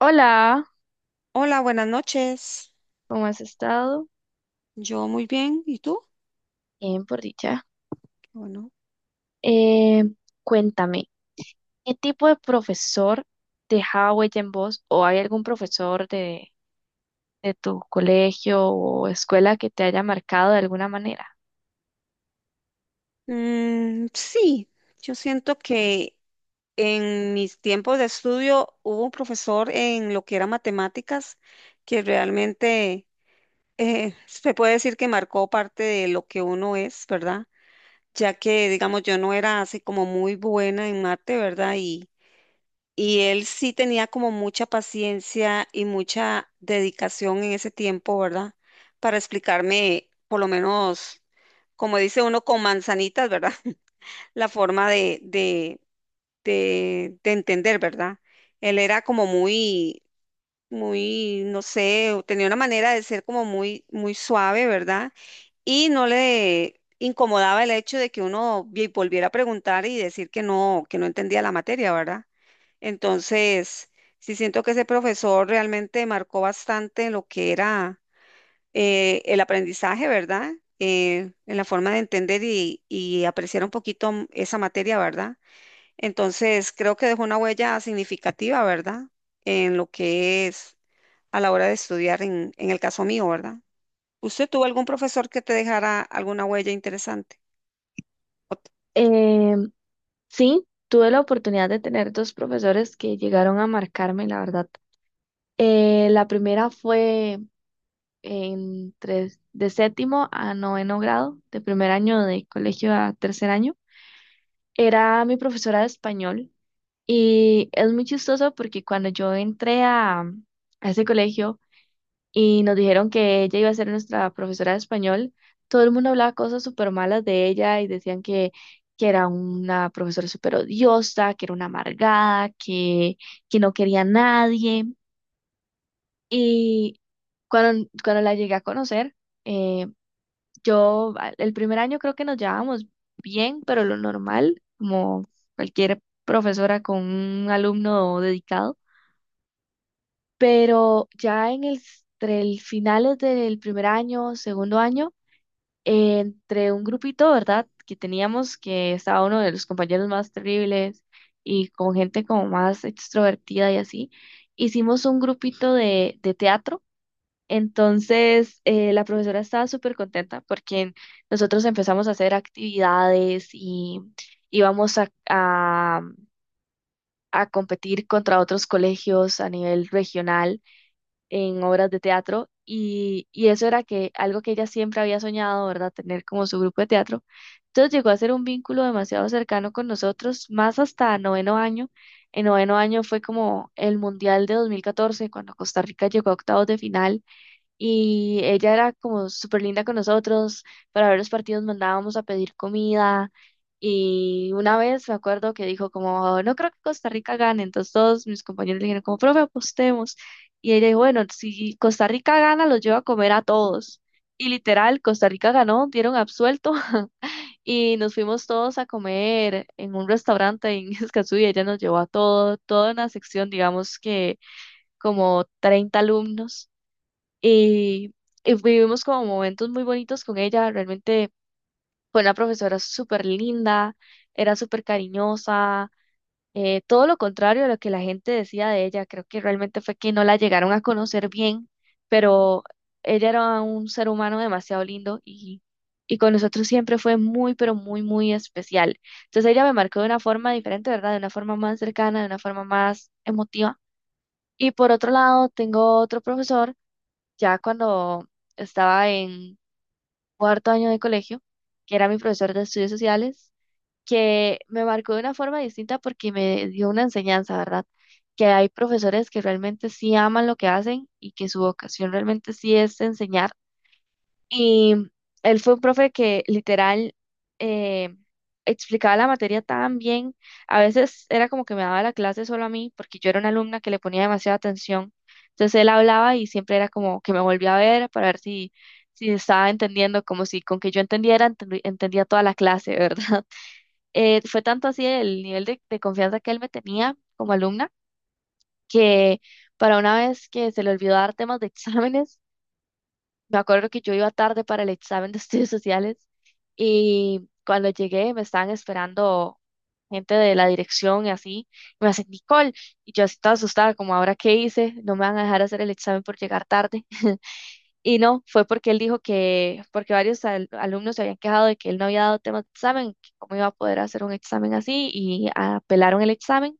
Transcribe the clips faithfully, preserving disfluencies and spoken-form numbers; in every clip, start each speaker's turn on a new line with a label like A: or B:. A: Hola,
B: Hola, buenas noches.
A: ¿cómo has estado?
B: Yo muy bien. ¿Y tú?
A: Bien, por dicha.
B: Qué bueno.
A: Eh, Cuéntame, ¿qué tipo de profesor dejaba huella en vos? ¿O hay algún profesor de, de tu colegio o escuela que te haya marcado de alguna manera?
B: Mm, sí, yo siento que en mis tiempos de estudio hubo un profesor en lo que era matemáticas que realmente eh, se puede decir que marcó parte de lo que uno es, ¿verdad? Ya que, digamos, yo no era así como muy buena en mate, ¿verdad? Y él sí tenía como mucha paciencia y mucha dedicación en ese tiempo, ¿verdad? Para explicarme, por lo menos, como dice uno, con manzanitas, ¿verdad? La forma de, de, de, de entender, ¿verdad? Él era como muy, muy, no sé, tenía una manera de ser como muy, muy suave, ¿verdad? Y no le incomodaba el hecho de que uno vi- volviera a preguntar y decir que no, que no entendía la materia, ¿verdad? Entonces, sí siento que ese profesor realmente marcó bastante lo que era eh, el aprendizaje, ¿verdad? Eh, en la forma de entender y, y apreciar un poquito m- esa materia, ¿verdad? Entonces, creo que dejó una huella significativa, ¿verdad? En lo que es a la hora de estudiar, en, en el caso mío, ¿verdad? ¿Usted tuvo algún profesor que te dejara alguna huella interesante?
A: Eh, sí, tuve la oportunidad de tener dos profesores que llegaron a marcarme, la verdad. Eh, la primera fue entre, de séptimo a noveno grado, de primer año de colegio a tercer año. Era mi profesora de español. Y es muy chistoso porque cuando yo entré a, a ese colegio y nos dijeron que ella iba a ser nuestra profesora de español, todo el mundo hablaba cosas súper malas de ella y decían que, que era una profesora súper odiosa, que era una amargada, que, que no quería a nadie. Y cuando, cuando la llegué a conocer, eh, yo a- el primer año creo que nos llevábamos bien, pero lo normal, como cualquier profesora con un alumno dedicado. Pero ya en el, entre el finales del primer año, segundo año, eh, entre un grupito, ¿verdad? Que teníamos, que estaba uno de los compañeros más terribles y con gente como más extrovertida y así, hicimos un grupito de, de teatro. Entonces, eh, la profesora estaba súper contenta porque nosotros empezamos a hacer actividades y íbamos a, a a competir contra otros colegios a nivel regional en obras de teatro y, y eso era que algo que ella siempre había soñado, ¿verdad? Tener como su grupo de teatro. Entonces llegó a ser un vínculo demasiado cercano con nosotros, más hasta noveno año. En noveno año fue como el Mundial de dos mil catorce, cuando Costa Rica llegó a octavos de final y ella era como súper linda con nosotros. Para ver los partidos mandábamos a pedir comida. Y una vez me acuerdo que dijo como, no creo que Costa Rica gane. Entonces todos mis compañeros le dijeron como, profe, apostemos. Y ella dijo, bueno, si Costa Rica gana, los llevo a comer a todos. Y literal, Costa Rica ganó, dieron absuelto. Y nos fuimos todos a comer en un restaurante en Escazú y ella nos llevó a todo, toda una sección, digamos que como treinta alumnos y, y vivimos como momentos muy bonitos con ella. Realmente fue una profesora súper linda, era súper cariñosa, eh, todo lo contrario a lo que la gente decía de ella. Creo que realmente fue que no la llegaron a conocer bien, pero ella era un ser humano demasiado lindo y, y con nosotros siempre fue muy, pero muy, muy especial. Entonces ella me marcó de una forma diferente, ¿verdad? De una forma más cercana, de una forma más emotiva. Y por otro lado, tengo otro profesor ya cuando estaba en cuarto año de colegio, que era mi profesor de estudios sociales, que me marcó de una forma distinta porque me dio una enseñanza, ¿verdad? Que hay profesores que realmente sí aman lo que hacen y que su vocación realmente sí es enseñar y él fue un profe que literal eh, explicaba la materia tan bien. A veces era como que me daba la clase solo a mí, porque yo era una alumna que le ponía demasiada atención. Entonces él hablaba y siempre era como que me volvía a ver para ver si, si estaba entendiendo, como si con que yo entendiera, entendi- entendía toda la clase, ¿verdad? Eh, fue tanto así el nivel de, de confianza que él me tenía como alumna, que para una vez que se le olvidó dar temas de exámenes, me acuerdo que yo iba tarde para el examen de estudios sociales y cuando llegué me estaban esperando gente de la dirección y así. Y me hacen, Nicole, y yo así toda asustada, como ahora qué hice, no me van a dejar hacer el examen por llegar tarde. Y no, fue porque él dijo que, porque varios al- alumnos se habían quejado de que él no había dado temas de examen, que cómo iba a poder hacer un examen así y apelaron el examen.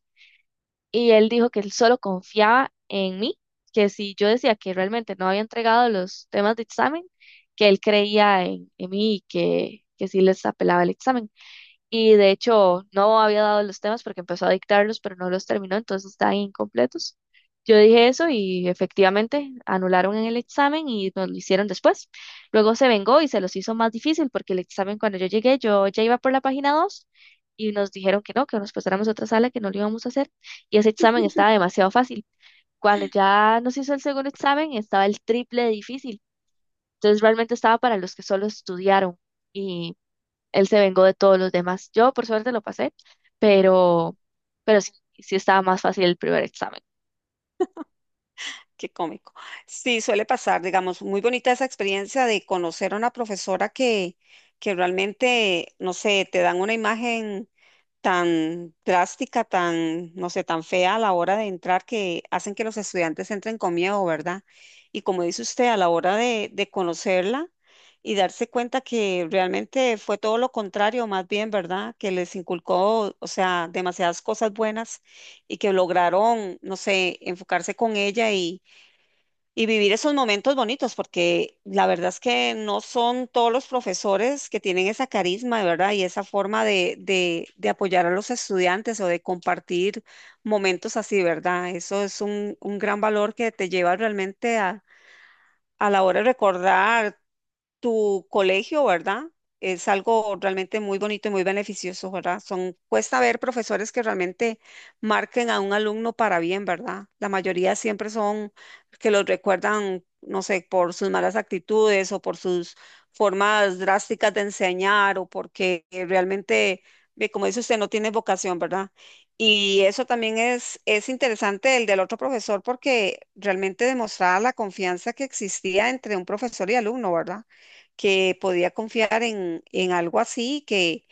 A: Y él dijo que él solo confiaba en mí, que si yo decía que realmente no había entregado los temas de examen, que él creía en, en mí y que, que sí les apelaba el examen. Y de hecho, no había dado los temas porque empezó a dictarlos, pero no los terminó, entonces están incompletos. Yo dije eso y efectivamente anularon en el examen y nos lo hicieron después. Luego se vengó y se los hizo más difícil porque el examen cuando yo llegué, yo ya iba por la página dos y nos dijeron que no, que nos pasáramos a otra sala, que no lo íbamos a hacer. Y ese examen estaba demasiado fácil. Cuando ya nos hizo el segundo examen, estaba el triple de difícil. Entonces realmente estaba para los que solo estudiaron, él se vengó de todos los demás. Yo, por suerte, lo pasé, pero, pero sí, sí estaba más fácil el primer examen.
B: Qué cómico. Sí, suele pasar, digamos, muy bonita esa experiencia de conocer a una profesora que, que realmente, no sé, te dan una imagen tan drástica, tan, no sé, tan fea a la hora de entrar que hacen que los estudiantes entren con miedo, ¿verdad? Y como dice usted, a la hora de, de conocerla y darse cuenta que realmente fue todo lo contrario, más bien, ¿verdad? Que les inculcó, o sea, demasiadas cosas buenas y que lograron, no sé, enfocarse con ella y y vivir esos momentos bonitos, porque la verdad es que no son todos los profesores que tienen esa carisma, ¿verdad? Y esa forma de, de, de apoyar a los estudiantes o de compartir momentos así, ¿verdad? Eso es un, un gran valor que te lleva realmente a, a la hora de recordar tu colegio, ¿verdad? Es algo realmente muy bonito y muy beneficioso, ¿verdad? Son, cuesta ver profesores que realmente marquen a un alumno para bien, ¿verdad? La mayoría siempre son que los recuerdan, no sé, por sus malas actitudes o por sus formas drásticas de enseñar o porque eh, realmente, ve, como dice usted, no tiene vocación, ¿verdad? Y eso también es, es interesante el del otro profesor porque realmente demostraba la confianza que existía entre un profesor y alumno, ¿verdad? Que podía confiar en, en algo así que,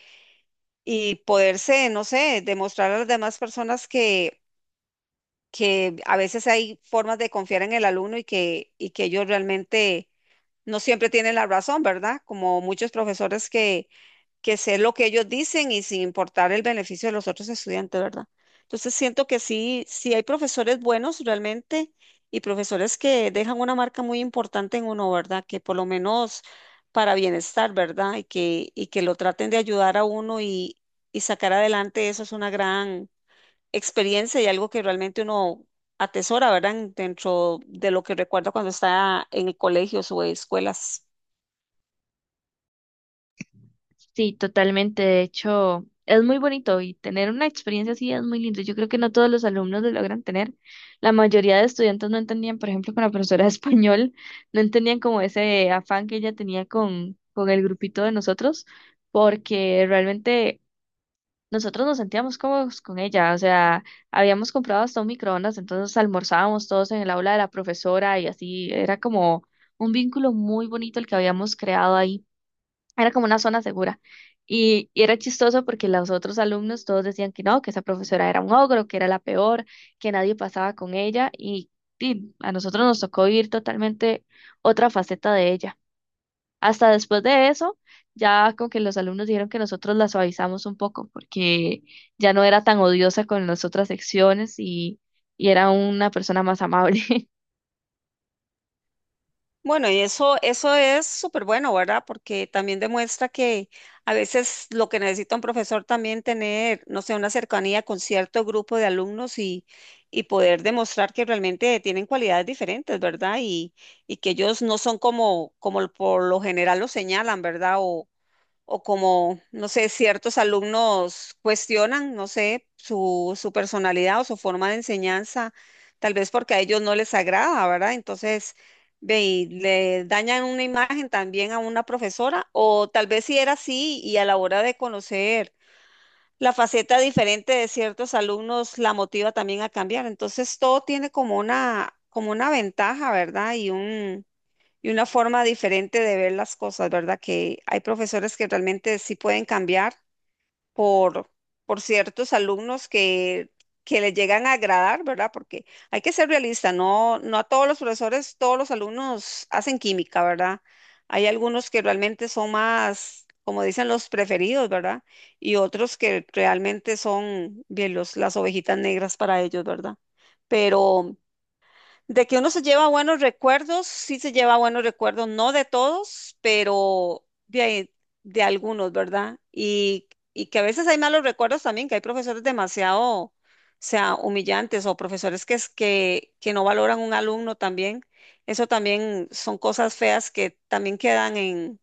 B: y poderse, no sé, demostrar a las demás personas que, que a veces hay formas de confiar en el alumno y que, y que ellos realmente no siempre tienen la razón, ¿verdad? Como muchos profesores que, que sé lo que ellos dicen y sin importar el beneficio de los otros estudiantes, ¿verdad? Entonces siento que sí, sí hay profesores buenos realmente y profesores que dejan una marca muy importante en uno, ¿verdad? Que por lo menos para bienestar, ¿verdad? Y que, y que lo traten de ayudar a uno y, y sacar adelante, eso es una gran experiencia y algo que realmente uno atesora, ¿verdad? en- Dentro de lo que recuerda cuando está en el colegio o escuelas.
A: Sí, totalmente. De hecho, es muy bonito y tener una experiencia así es muy lindo. Yo creo que no todos los alumnos lo logran tener. La mayoría de estudiantes no entendían, por ejemplo, con la profesora de español, no entendían como ese afán que ella tenía con, con el grupito de nosotros, porque realmente nosotros nos sentíamos cómodos con ella, o sea, habíamos comprado hasta un microondas, entonces almorzábamos todos en el aula de la profesora y así, era como un vínculo muy bonito el que habíamos creado ahí, era como una zona segura. Y, y era chistoso porque los otros alumnos todos decían que no, que esa profesora era un ogro, que era la peor, que nadie pasaba con ella y, y a nosotros nos tocó vivir totalmente otra faceta de ella. Hasta después de eso, ya como que los alumnos dijeron que nosotros la suavizamos un poco porque ya no era tan odiosa con las otras secciones y, y era una persona más amable.
B: Bueno, y eso, eso es súper bueno, ¿verdad? Porque también demuestra que a veces lo que necesita un profesor también tener, no sé, una cercanía con cierto grupo de alumnos y, y poder demostrar que realmente tienen cualidades diferentes, ¿verdad? Y, y que ellos no son como, como por lo general lo señalan, ¿verdad? O como, no sé, ciertos alumnos cuestionan, no sé, su, su personalidad o su forma de enseñanza, tal vez porque a ellos no les agrada, ¿verdad? Entonces, ve, y le dañan una imagen también a una profesora, o tal vez si era así y a la hora de conocer la faceta diferente de ciertos alumnos la motiva también a cambiar. Entonces, todo tiene como una, como una ventaja, ¿verdad? Y un y una forma diferente de ver las cosas, ¿verdad? Que hay profesores que realmente sí pueden cambiar por, por ciertos alumnos que, que les llegan a agradar, ¿verdad? Porque hay que ser realista, no, no a todos los profesores, todos los alumnos hacen química, ¿verdad? Hay algunos que realmente son más, como dicen, los preferidos, ¿verdad? Y otros que realmente son bien los, las ovejitas negras para ellos, ¿verdad? Pero de que uno se lleva buenos recuerdos, sí se lleva buenos recuerdos, no de todos, pero de, ahí- de algunos, ¿verdad? Y, y que a veces hay malos recuerdos también, que hay profesores demasiado, o sea, humillantes o profesores que, es- que, que no valoran un alumno también. Eso también son cosas feas que también quedan en,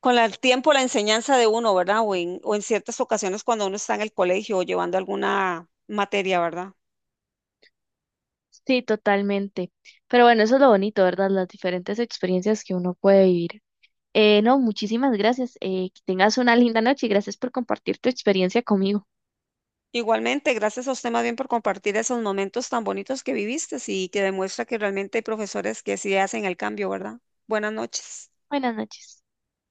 B: con la- el tiempo, la enseñanza de uno, ¿verdad? O en, o en ciertas ocasiones cuando uno está en el colegio o llevando alguna materia, ¿verdad?
A: Sí, totalmente. Pero bueno, eso es lo bonito, ¿verdad? Las diferentes experiencias que uno puede vivir. Eh, no, muchísimas gracias. Eh, que tengas una linda noche y gracias por compartir tu experiencia conmigo.
B: Igualmente, gracias a usted más bien por compartir esos momentos tan bonitos que viviste y que demuestra que realmente hay profesores que sí hacen el cambio, ¿verdad? Buenas noches.
A: Buenas noches.